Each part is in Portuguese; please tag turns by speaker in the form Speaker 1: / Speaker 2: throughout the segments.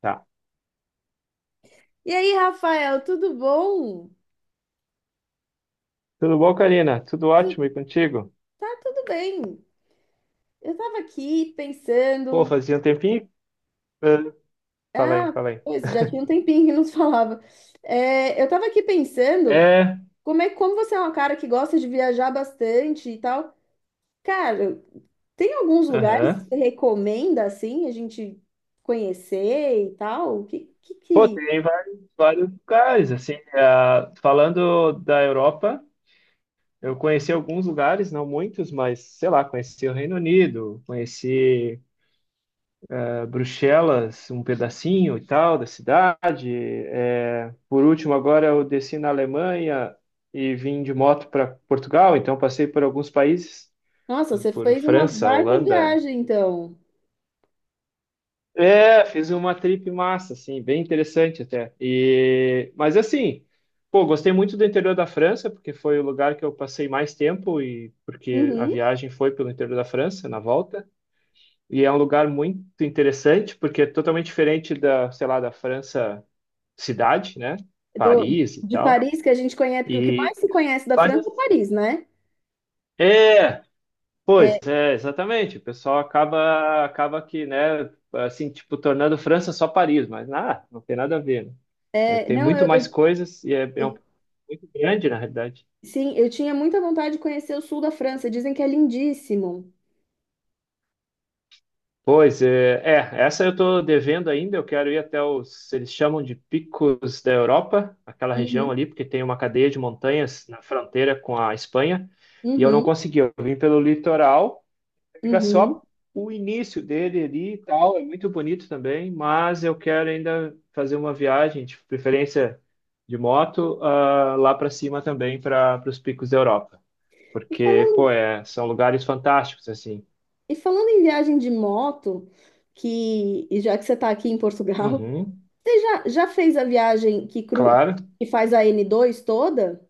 Speaker 1: Tá.
Speaker 2: E aí, Rafael, tudo bom?
Speaker 1: Tudo bom, Karina? Tudo
Speaker 2: Tu-
Speaker 1: ótimo e contigo?
Speaker 2: tá tudo bem. Eu tava aqui
Speaker 1: Pô,
Speaker 2: pensando.
Speaker 1: fazia um tempinho. eh, Fala aí,
Speaker 2: Ah,
Speaker 1: fala aí.
Speaker 2: pois, já tinha um tempinho que não se falava. É, eu tava aqui pensando
Speaker 1: É,
Speaker 2: como você é uma cara que gosta de viajar bastante e tal. Cara, tem alguns lugares que você
Speaker 1: aham.
Speaker 2: recomenda assim a gente conhecer e tal? Que, que,
Speaker 1: Pô,
Speaker 2: que...
Speaker 1: tem vários, vários lugares, assim, falando da Europa, eu conheci alguns lugares, não muitos, mas, sei lá, conheci o Reino Unido, conheci Bruxelas, um pedacinho e tal da cidade. É, por último, agora eu desci na Alemanha e vim de moto para Portugal, então passei por alguns países,
Speaker 2: Nossa, você
Speaker 1: por
Speaker 2: fez uma
Speaker 1: França,
Speaker 2: baita
Speaker 1: Holanda.
Speaker 2: viagem, então.
Speaker 1: É, fiz uma trip massa, assim, bem interessante até. E, mas assim, pô, gostei muito do interior da França, porque foi o lugar que eu passei mais tempo e porque a
Speaker 2: Uhum.
Speaker 1: viagem foi pelo interior da França na volta. E é um lugar muito interessante, porque é totalmente diferente da, sei lá, da França cidade, né?
Speaker 2: Do,
Speaker 1: Paris e
Speaker 2: de
Speaker 1: tal.
Speaker 2: Paris, que a gente conhece, porque o que
Speaker 1: E
Speaker 2: mais se conhece da
Speaker 1: mas,
Speaker 2: França é Paris, né?
Speaker 1: é, pois
Speaker 2: É,
Speaker 1: é, exatamente. O pessoal acaba que, né, assim, tipo, tornando França só Paris, mas nada, não tem nada a ver, né? É,
Speaker 2: é
Speaker 1: tem
Speaker 2: não,
Speaker 1: muito mais coisas e é, é um, muito grande, na realidade.
Speaker 2: sim, eu tinha muita vontade de conhecer o sul da França. Dizem que é lindíssimo.
Speaker 1: Pois é, é, essa eu estou devendo ainda. Eu quero ir até os, eles chamam de Picos da Europa, aquela região
Speaker 2: Uhum,
Speaker 1: ali, porque tem uma cadeia de montanhas na fronteira com a Espanha, e eu não
Speaker 2: uhum,
Speaker 1: consegui. Eu vim pelo litoral, pega
Speaker 2: uhum.
Speaker 1: só o início dele ali e tal, é muito bonito também, mas eu quero ainda fazer uma viagem, de preferência de moto, lá para cima também, para os Picos da Europa.
Speaker 2: E
Speaker 1: Porque, pô,
Speaker 2: falando,
Speaker 1: é, são lugares fantásticos, assim.
Speaker 2: e falando em viagem de moto, que e já que você está aqui em Portugal,
Speaker 1: Uhum,
Speaker 2: você já fez a viagem que, cru,
Speaker 1: claro.
Speaker 2: que faz a N2 toda?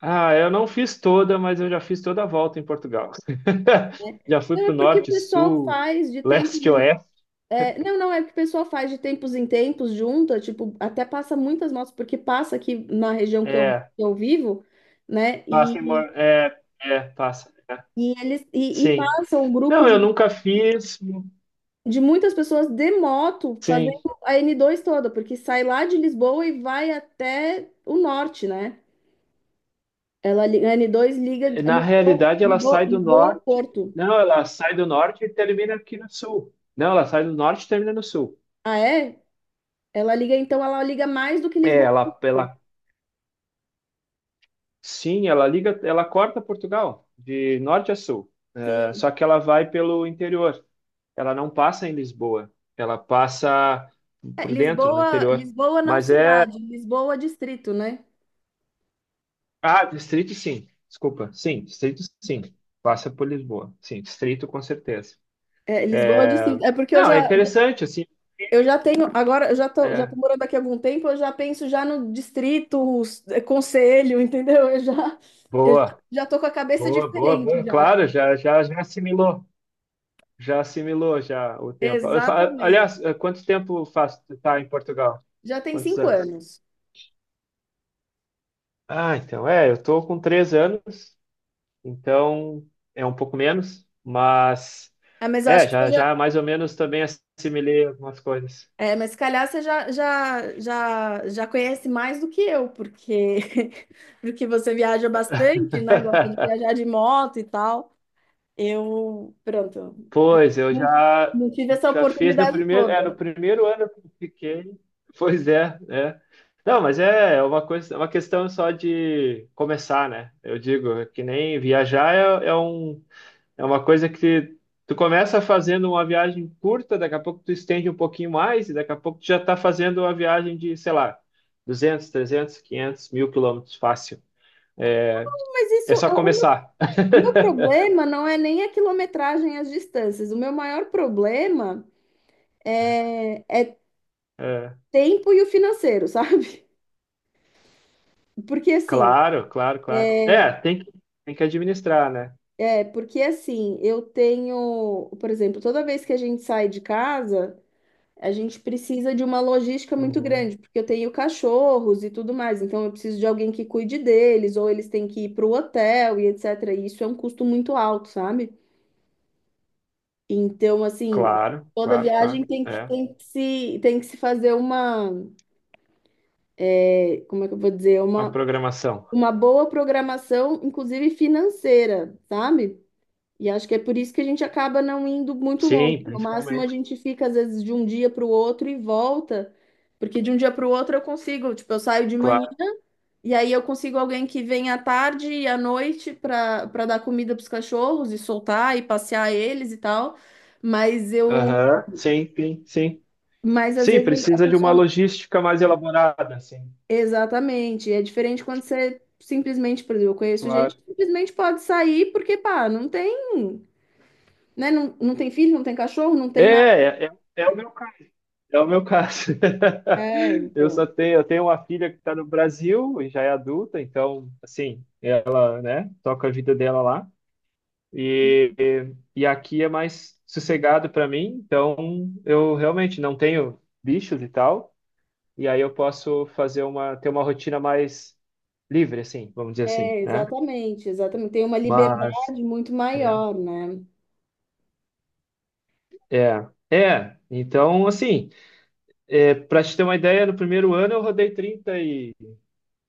Speaker 1: Ah, eu não fiz toda, mas eu já fiz toda a volta em Portugal.
Speaker 2: Né?
Speaker 1: Já fui
Speaker 2: Não, é
Speaker 1: pro
Speaker 2: porque o
Speaker 1: norte,
Speaker 2: pessoal
Speaker 1: sul,
Speaker 2: faz de tempos
Speaker 1: leste,
Speaker 2: em
Speaker 1: oeste.
Speaker 2: é, não, não, é que o pessoal faz de tempos em tempos, junta, tipo, até passa muitas motos, porque passa aqui na região que eu, que
Speaker 1: É,
Speaker 2: eu vivo, né?
Speaker 1: passa em...
Speaker 2: e
Speaker 1: É, é, passa. É.
Speaker 2: E eles e, e
Speaker 1: Sim.
Speaker 2: passa um grupo
Speaker 1: Não, eu
Speaker 2: de,
Speaker 1: nunca fiz.
Speaker 2: de muitas pessoas de moto
Speaker 1: Sim.
Speaker 2: fazendo a N2 toda, porque sai lá de Lisboa e vai até o norte, né? A N2 liga
Speaker 1: Na
Speaker 2: Lisboa,
Speaker 1: realidade, ela
Speaker 2: Lisboa,
Speaker 1: sai do
Speaker 2: Lisboa ao
Speaker 1: norte.
Speaker 2: Porto.
Speaker 1: Não, ela sai do norte e termina aqui no sul. Não, ela sai do norte e termina no sul.
Speaker 2: Ah, é? Ela liga, então ela liga mais do que
Speaker 1: É,
Speaker 2: Lisboa ao
Speaker 1: ela,
Speaker 2: Porto.
Speaker 1: ela sim, ela liga, ela corta Portugal de norte a sul. É,
Speaker 2: Sim.
Speaker 1: só que ela vai pelo interior. Ela não passa em Lisboa, ela passa
Speaker 2: É,
Speaker 1: por dentro, no
Speaker 2: Lisboa,
Speaker 1: interior.
Speaker 2: Lisboa não
Speaker 1: Mas é.
Speaker 2: cidade, Lisboa distrito, né?
Speaker 1: Ah, distrito sim, desculpa. Sim, distrito sim, passa por Lisboa. Sim, distrito com certeza.
Speaker 2: É, Lisboa distrito. É porque eu
Speaker 1: Não, é
Speaker 2: já,
Speaker 1: interessante, assim.
Speaker 2: Eu já tenho, agora eu já tô, já
Speaker 1: É,
Speaker 2: tô morando aqui há algum tempo, eu já penso já no distrito, conselho, entendeu? Eu já, eu já,
Speaker 1: boa,
Speaker 2: já tô com a cabeça
Speaker 1: boa, boa, boa.
Speaker 2: diferente já.
Speaker 1: Claro, já, já, já assimilou. Já assimilou já o tempo.
Speaker 2: Exatamente.
Speaker 1: Aliás, quanto tempo faz tu tá em Portugal?
Speaker 2: Já tem
Speaker 1: Quantos
Speaker 2: cinco
Speaker 1: anos?
Speaker 2: anos.
Speaker 1: Ah, então, é, eu tô com 3 anos, então é um pouco menos, mas
Speaker 2: É, mas eu acho
Speaker 1: é,
Speaker 2: que você
Speaker 1: já, já
Speaker 2: já,
Speaker 1: mais ou menos também assimilei algumas coisas.
Speaker 2: é, mas se calhar você já conhece mais do que eu, porque, porque você viaja bastante, né? Gosta de viajar de moto e tal. Eu, pronto,
Speaker 1: Pois, eu
Speaker 2: não,
Speaker 1: já,
Speaker 2: não tive essa
Speaker 1: já fiz no
Speaker 2: oportunidade
Speaker 1: primeiro, é, no
Speaker 2: toda.
Speaker 1: primeiro ano que eu fiquei. Pois é, é. Não, mas é é uma coisa, é uma questão só de começar, né? Eu digo, é que nem viajar é, é um, é uma coisa que tu começa fazendo uma viagem curta, daqui a pouco tu estende um pouquinho mais, e daqui a pouco tu já está fazendo uma viagem de, sei lá, 200, 300, 500, 1.000 km, fácil. É,
Speaker 2: Mas
Speaker 1: é
Speaker 2: isso,
Speaker 1: só começar.
Speaker 2: meu problema não é nem a quilometragem e as distâncias. O meu maior problema,
Speaker 1: É,
Speaker 2: tempo e o financeiro, sabe? Porque assim,
Speaker 1: claro, claro, claro. É, tem que administrar, né?
Speaker 2: é porque assim, eu tenho, por exemplo, toda vez que a gente sai de casa, a gente precisa de uma logística muito
Speaker 1: Uhum.
Speaker 2: grande, porque eu tenho cachorros e tudo mais, então eu preciso de alguém que cuide deles, ou eles têm que ir para o hotel e etc. E isso é um custo muito alto, sabe? Então, assim,
Speaker 1: Claro,
Speaker 2: toda
Speaker 1: claro, claro.
Speaker 2: viagem tem que,
Speaker 1: É,
Speaker 2: tem que se, tem que se fazer uma como é que eu vou dizer,
Speaker 1: a
Speaker 2: uma,
Speaker 1: programação.
Speaker 2: uma boa programação, inclusive financeira, sabe? E acho que é por isso que a gente acaba não indo muito longe.
Speaker 1: Sim,
Speaker 2: No máximo, a
Speaker 1: principalmente.
Speaker 2: gente fica, às vezes, de um dia para o outro e volta, porque de um dia para o outro eu consigo, tipo, eu saio de manhã
Speaker 1: Claro.
Speaker 2: e aí eu consigo alguém que vem à tarde e à noite para dar comida para os cachorros e soltar e passear eles e tal. Mas eu,
Speaker 1: Aham. Sim, sim, sim.
Speaker 2: mas às
Speaker 1: Sim,
Speaker 2: vezes a
Speaker 1: precisa de uma
Speaker 2: pessoa
Speaker 1: logística mais elaborada, sim.
Speaker 2: Exatamente. É diferente quando você simplesmente, por exemplo, eu conheço
Speaker 1: Claro.
Speaker 2: gente que simplesmente pode sair porque, pá, não tem, né? Não, não tem filho, não tem cachorro, não
Speaker 1: É,
Speaker 2: tem nada.
Speaker 1: é, é, é o meu caso. É o meu caso.
Speaker 2: É,
Speaker 1: Eu só
Speaker 2: então.
Speaker 1: tenho, eu tenho uma filha que está no Brasil e já é adulta, então, assim, ela, né, toca a vida dela lá. E, e aqui é mais sossegado para mim, então eu realmente não tenho bichos e tal, e aí eu posso fazer uma, ter uma rotina mais livre, assim, vamos dizer assim,
Speaker 2: É,
Speaker 1: né?
Speaker 2: exatamente, exatamente. Tem uma
Speaker 1: Mas,
Speaker 2: liberdade muito
Speaker 1: é,
Speaker 2: maior, né?
Speaker 1: é, é. Então, assim, é, para te ter uma ideia, no primeiro ano eu rodei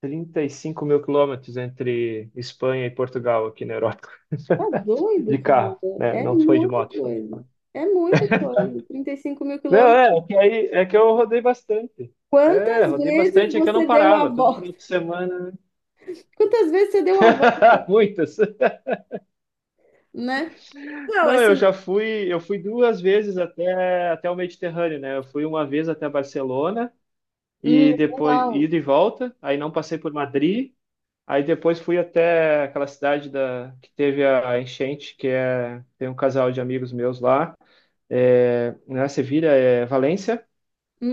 Speaker 1: 35.000 km entre Espanha e Portugal aqui na Europa.
Speaker 2: Tá
Speaker 1: De
Speaker 2: doido, cara.
Speaker 1: carro, né?
Speaker 2: É
Speaker 1: Não foi de
Speaker 2: muita
Speaker 1: moto, foi.
Speaker 2: coisa. É muita coisa. trinta e cinco mil
Speaker 1: Não,
Speaker 2: quilômetros.
Speaker 1: é, é que aí é que eu rodei bastante. É,
Speaker 2: Quantas
Speaker 1: rodei
Speaker 2: vezes
Speaker 1: bastante, é que eu não
Speaker 2: você deu a
Speaker 1: parava, todo
Speaker 2: volta?
Speaker 1: final de semana.
Speaker 2: Quantas vezes você deu a volta,
Speaker 1: Muitas.
Speaker 2: né? Não,
Speaker 1: Não, eu
Speaker 2: assim.
Speaker 1: já fui, eu fui duas vezes até o Mediterrâneo, né? Eu fui uma vez até Barcelona
Speaker 2: Hum,
Speaker 1: e depois
Speaker 2: legal.
Speaker 1: ida e volta, aí não passei por Madrid, aí depois fui até aquela cidade da que teve a enchente, que é tem um casal de amigos meus lá. É, né, Sevilha é Valência,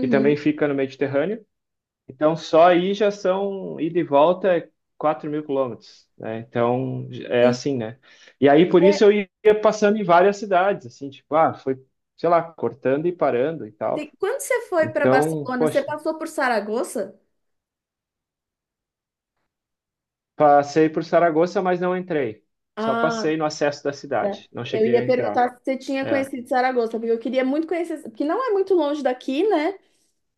Speaker 1: que também fica no Mediterrâneo. Então, só aí já são ida e volta é 4 mil quilômetros, né? Então, é
Speaker 2: Sim.
Speaker 1: assim, né? E aí, por isso, eu ia passando em várias cidades, assim, tipo, ah, foi, sei lá, cortando e parando e tal.
Speaker 2: Quando você foi para
Speaker 1: Então,
Speaker 2: Barcelona, você
Speaker 1: poxa,
Speaker 2: passou por Saragoça?
Speaker 1: passei por Saragoça, mas não entrei. Só
Speaker 2: Ah,
Speaker 1: passei no acesso da
Speaker 2: tá.
Speaker 1: cidade, não
Speaker 2: Eu
Speaker 1: cheguei
Speaker 2: ia
Speaker 1: a entrar.
Speaker 2: perguntar se você tinha
Speaker 1: É.
Speaker 2: conhecido Saragoça, porque eu queria muito conhecer, porque não é muito longe daqui, né?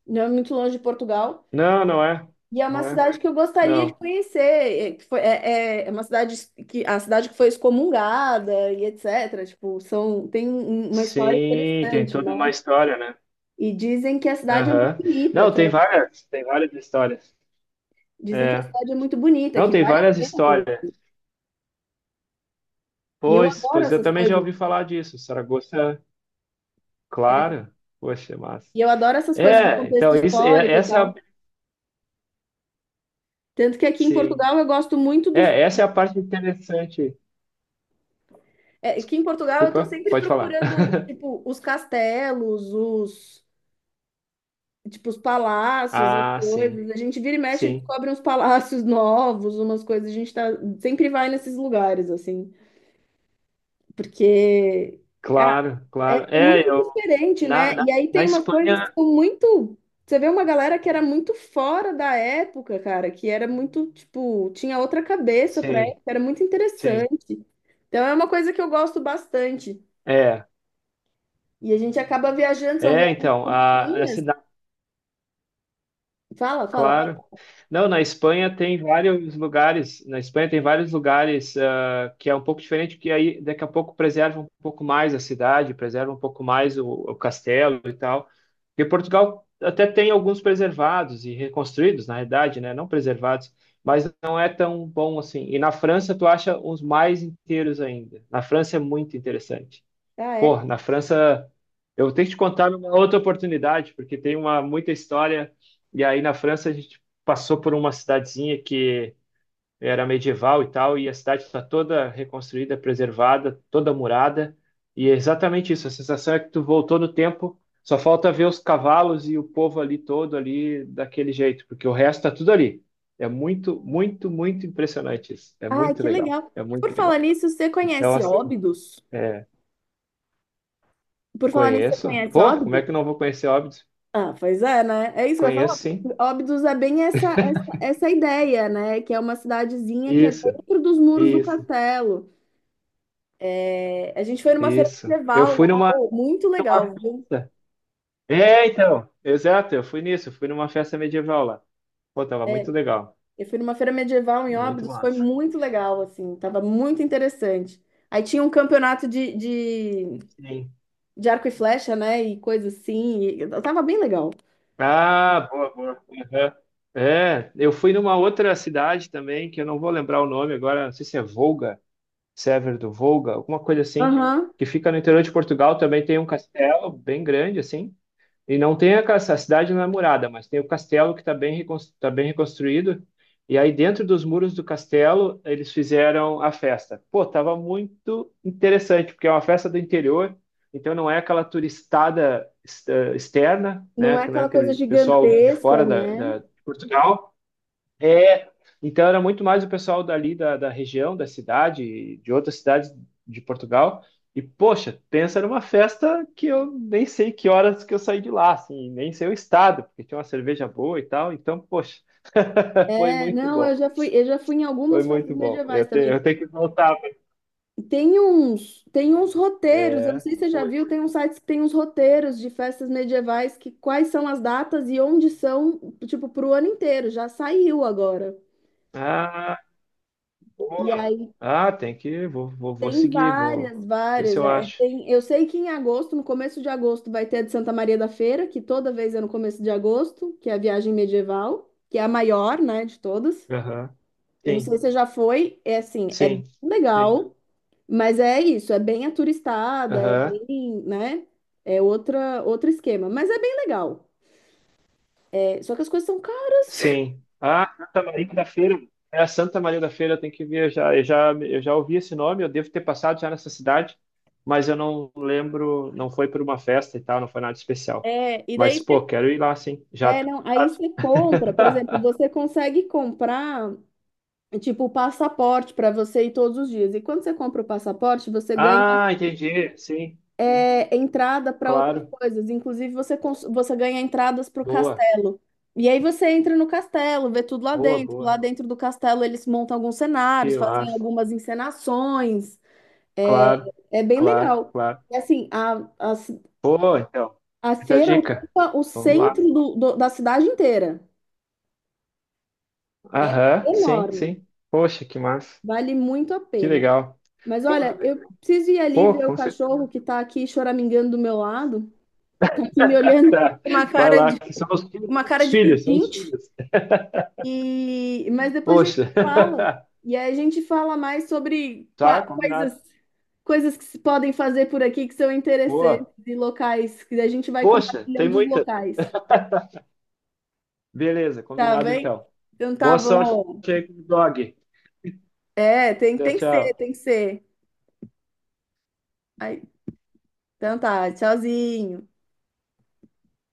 Speaker 2: Não é muito longe de Portugal.
Speaker 1: Não, não é,
Speaker 2: E é uma
Speaker 1: não é,
Speaker 2: cidade que eu gostaria de
Speaker 1: não.
Speaker 2: conhecer. É, é uma cidade que a cidade que foi excomungada e etc. Tipo, são, tem uma história
Speaker 1: Sim, tem
Speaker 2: interessante,
Speaker 1: toda uma
Speaker 2: né?
Speaker 1: história, né?
Speaker 2: E dizem que a cidade é muito
Speaker 1: Aham.
Speaker 2: bonita,
Speaker 1: Não, tem várias histórias.
Speaker 2: dizem que a
Speaker 1: É.
Speaker 2: cidade é muito bonita,
Speaker 1: Não,
Speaker 2: que
Speaker 1: tem
Speaker 2: vale a
Speaker 1: várias
Speaker 2: pena
Speaker 1: histórias.
Speaker 2: conhecer. E eu
Speaker 1: Pois,
Speaker 2: adoro
Speaker 1: pois eu
Speaker 2: essas
Speaker 1: também já
Speaker 2: coisas.
Speaker 1: ouvi falar disso. Saragossa, claro. Poxa, massa.
Speaker 2: E eu adoro essas coisas de
Speaker 1: É,
Speaker 2: contexto
Speaker 1: então isso, é-
Speaker 2: histórico e
Speaker 1: essa é a,
Speaker 2: tal. Tanto que aqui em
Speaker 1: sim.
Speaker 2: Portugal eu gosto muito dos.
Speaker 1: É, essa é a parte interessante.
Speaker 2: É, aqui em Portugal eu estou
Speaker 1: Desculpa,
Speaker 2: sempre
Speaker 1: pode falar.
Speaker 2: procurando, tipo, os castelos, os. Tipo, os palácios, as
Speaker 1: Ah, sim.
Speaker 2: coisas. A gente vira e mexe e
Speaker 1: Sim.
Speaker 2: descobre uns palácios novos, umas coisas. A gente tá, sempre vai nesses lugares, assim. Porque.
Speaker 1: Claro, claro.
Speaker 2: É
Speaker 1: É,
Speaker 2: muito
Speaker 1: eu
Speaker 2: diferente,
Speaker 1: na,
Speaker 2: né?
Speaker 1: na,
Speaker 2: E aí
Speaker 1: na
Speaker 2: tem uma coisa que
Speaker 1: Espanha,
Speaker 2: ficou muito. Você vê uma galera que era muito fora da época, cara, que era muito, tipo, tinha outra cabeça pra
Speaker 1: sim,
Speaker 2: época, era muito
Speaker 1: sim.
Speaker 2: interessante. Então é uma coisa que eu gosto bastante.
Speaker 1: É.
Speaker 2: E a gente acaba viajando, são
Speaker 1: É,
Speaker 2: viagens
Speaker 1: então, a
Speaker 2: curtinhas. Fala, fala,
Speaker 1: claro.
Speaker 2: fala.
Speaker 1: Não, na Espanha tem vários lugares, na Espanha tem vários lugares que é um pouco diferente, que aí daqui a pouco preserva um pouco mais a cidade, preserva um pouco mais o castelo e tal. E Portugal até tem alguns preservados e reconstruídos, na realidade, né? Não preservados, mas não é tão bom assim. E na França tu acha uns mais inteiros ainda. Na França é muito interessante.
Speaker 2: Ah,
Speaker 1: Pô,
Speaker 2: é.
Speaker 1: na França, eu tenho que te contar uma outra oportunidade, porque tem uma muita história. E aí na França a gente passou por uma cidadezinha que era medieval e tal, e a cidade está toda reconstruída, preservada, toda murada. E é exatamente isso. A sensação é que tu voltou no tempo. Só falta ver os cavalos e o povo ali todo ali daquele jeito, porque o resto tá tudo ali. É muito, muito, muito impressionante isso. É
Speaker 2: Ah,
Speaker 1: muito
Speaker 2: que
Speaker 1: legal.
Speaker 2: legal.
Speaker 1: É
Speaker 2: Por
Speaker 1: muito
Speaker 2: falar
Speaker 1: legal.
Speaker 2: nisso, você
Speaker 1: Então,
Speaker 2: conhece
Speaker 1: assim.
Speaker 2: Óbidos?
Speaker 1: É.
Speaker 2: Por falar nisso, você
Speaker 1: Conheço?
Speaker 2: conhece
Speaker 1: Pô, como é
Speaker 2: Óbidos?
Speaker 1: que não vou conhecer Óbidos?
Speaker 2: Ah, pois é, né? É isso que eu ia falar.
Speaker 1: Conheço, sim.
Speaker 2: Óbidos é bem essa ideia, né? Que é uma cidadezinha que é
Speaker 1: Isso,
Speaker 2: dentro dos muros do
Speaker 1: isso,
Speaker 2: castelo. É, a gente foi numa feira
Speaker 1: isso. Eu
Speaker 2: medieval
Speaker 1: fui
Speaker 2: lá,
Speaker 1: numa,
Speaker 2: oh, muito
Speaker 1: numa
Speaker 2: legal, viu?
Speaker 1: festa. É, então, exato, eu fui nisso, eu fui numa festa medieval lá. Pô, tava muito legal,
Speaker 2: Eu fui numa feira medieval em
Speaker 1: muito
Speaker 2: Óbidos, foi
Speaker 1: massa.
Speaker 2: muito legal, assim, tava muito interessante. Aí tinha um campeonato de, de,
Speaker 1: Sim.
Speaker 2: de arco e flecha, né? E coisa assim, e tava bem legal.
Speaker 1: Ah, boa, boa. Uhum. É, eu fui numa outra cidade também, que eu não vou lembrar o nome agora, não sei se é Volga, Sever do Volga, alguma coisa assim,
Speaker 2: Aham.
Speaker 1: que fica no interior de Portugal, também tem um castelo bem grande, assim. E não tem a, a cidade não é murada, mas tem o castelo que está bem, tá bem reconstruído. E aí, dentro dos muros do castelo, eles fizeram a festa. Pô, tava muito interessante, porque é uma festa do interior, então não é aquela turistada externa,
Speaker 2: Não
Speaker 1: né?
Speaker 2: é
Speaker 1: Que não é
Speaker 2: aquela coisa
Speaker 1: aquele pessoal de
Speaker 2: gigantesca,
Speaker 1: fora da,
Speaker 2: né?
Speaker 1: da de Portugal, é, então era muito mais o pessoal dali da, da região, da cidade, de outras cidades de Portugal. E, poxa, pensa numa festa que eu nem sei que horas que eu saí de lá, assim, nem sei o estado, porque tinha uma cerveja boa e tal. Então, poxa, foi
Speaker 2: É,
Speaker 1: muito
Speaker 2: não, eu
Speaker 1: bom.
Speaker 2: já fui, eu já fui em
Speaker 1: Foi
Speaker 2: algumas festas
Speaker 1: muito bom.
Speaker 2: medievais
Speaker 1: Eu, te,
Speaker 2: também.
Speaker 1: eu tenho que voltar.
Speaker 2: Tem uns roteiros, eu não
Speaker 1: É,
Speaker 2: sei se você já
Speaker 1: foi.
Speaker 2: viu, tem uns sites que tem uns roteiros de festas medievais que quais são as datas e onde são, tipo, pro ano inteiro, já saiu agora.
Speaker 1: Ah,
Speaker 2: E
Speaker 1: boa.
Speaker 2: aí
Speaker 1: Ah, tem que. Vou, vou, vou
Speaker 2: tem
Speaker 1: seguir, vou
Speaker 2: várias,
Speaker 1: ver se
Speaker 2: várias.
Speaker 1: eu acho.
Speaker 2: Eu sei que em agosto, no começo de agosto, vai ter a de Santa Maria da Feira, que toda vez é no começo de agosto, que é a viagem medieval, que é a maior, né, de todas.
Speaker 1: Aham.
Speaker 2: Eu não sei
Speaker 1: Sim,
Speaker 2: se você já foi, é assim, é bem
Speaker 1: sim, sim.
Speaker 2: legal. Mas é isso, é bem aturistada, é
Speaker 1: Aham.
Speaker 2: bem, né? É outra, outro esquema, mas é bem legal. É, só que as coisas são caras.
Speaker 1: Sim. Ah, Santa Maria da Feira. É a Santa Maria da Feira, eu tenho que viajar. Eu já ouvi esse nome, eu devo ter passado já nessa cidade, mas eu não lembro, não foi por uma festa e tal, não foi nada especial.
Speaker 2: É, e daí
Speaker 1: Mas, pô,
Speaker 2: você,
Speaker 1: quero ir lá, sim. Já
Speaker 2: é,
Speaker 1: tô...
Speaker 2: não, aí você compra, por exemplo, você consegue comprar tipo o passaporte para você ir todos os dias. E quando você compra o passaporte, você ganha
Speaker 1: Ah, entendi. Sim, sim.
Speaker 2: entrada para outras
Speaker 1: Claro.
Speaker 2: coisas. Inclusive, você ganha entradas para o
Speaker 1: Boa,
Speaker 2: castelo. E aí você entra no castelo, vê tudo lá
Speaker 1: boa,
Speaker 2: dentro. Lá
Speaker 1: boa.
Speaker 2: dentro do castelo eles montam alguns
Speaker 1: Que
Speaker 2: cenários, fazem
Speaker 1: massa.
Speaker 2: algumas encenações. É,
Speaker 1: Claro,
Speaker 2: é bem
Speaker 1: claro,
Speaker 2: legal.
Speaker 1: claro.
Speaker 2: E assim, a, a,
Speaker 1: Pô, então,
Speaker 2: a
Speaker 1: muita
Speaker 2: feira
Speaker 1: dica.
Speaker 2: ocupa o
Speaker 1: Vamos lá.
Speaker 2: centro da cidade inteira. É
Speaker 1: Aham, sim,
Speaker 2: enorme.
Speaker 1: sim. Poxa, que massa.
Speaker 2: Vale muito a
Speaker 1: Que
Speaker 2: pena.
Speaker 1: legal.
Speaker 2: Mas
Speaker 1: Pô,
Speaker 2: olha, eu preciso ir ali
Speaker 1: pô,
Speaker 2: ver o
Speaker 1: com
Speaker 2: cachorro
Speaker 1: certeza.
Speaker 2: que tá aqui choramingando do meu lado. Tá aqui me olhando
Speaker 1: Tá.
Speaker 2: com uma
Speaker 1: Vai
Speaker 2: cara
Speaker 1: lá,
Speaker 2: de,
Speaker 1: que são
Speaker 2: uma cara
Speaker 1: os
Speaker 2: de
Speaker 1: filhos, são os
Speaker 2: pedinte.
Speaker 1: filhos.
Speaker 2: E, mas depois a gente
Speaker 1: Poxa.
Speaker 2: fala. E aí a gente fala mais sobre
Speaker 1: Tá, combinado.
Speaker 2: coisas, coisas que se podem fazer por aqui que são interessantes
Speaker 1: Boa.
Speaker 2: e locais, que a gente vai
Speaker 1: Poxa, tem
Speaker 2: compartilhando os
Speaker 1: muita.
Speaker 2: locais.
Speaker 1: Beleza,
Speaker 2: Tá
Speaker 1: combinado
Speaker 2: bem?
Speaker 1: então.
Speaker 2: Então tá
Speaker 1: Boa sorte
Speaker 2: bom.
Speaker 1: aí com o blog.
Speaker 2: É,
Speaker 1: Tchau,
Speaker 2: tem que ser,
Speaker 1: tchau.
Speaker 2: tem que ser. Aí, então tá, tchauzinho.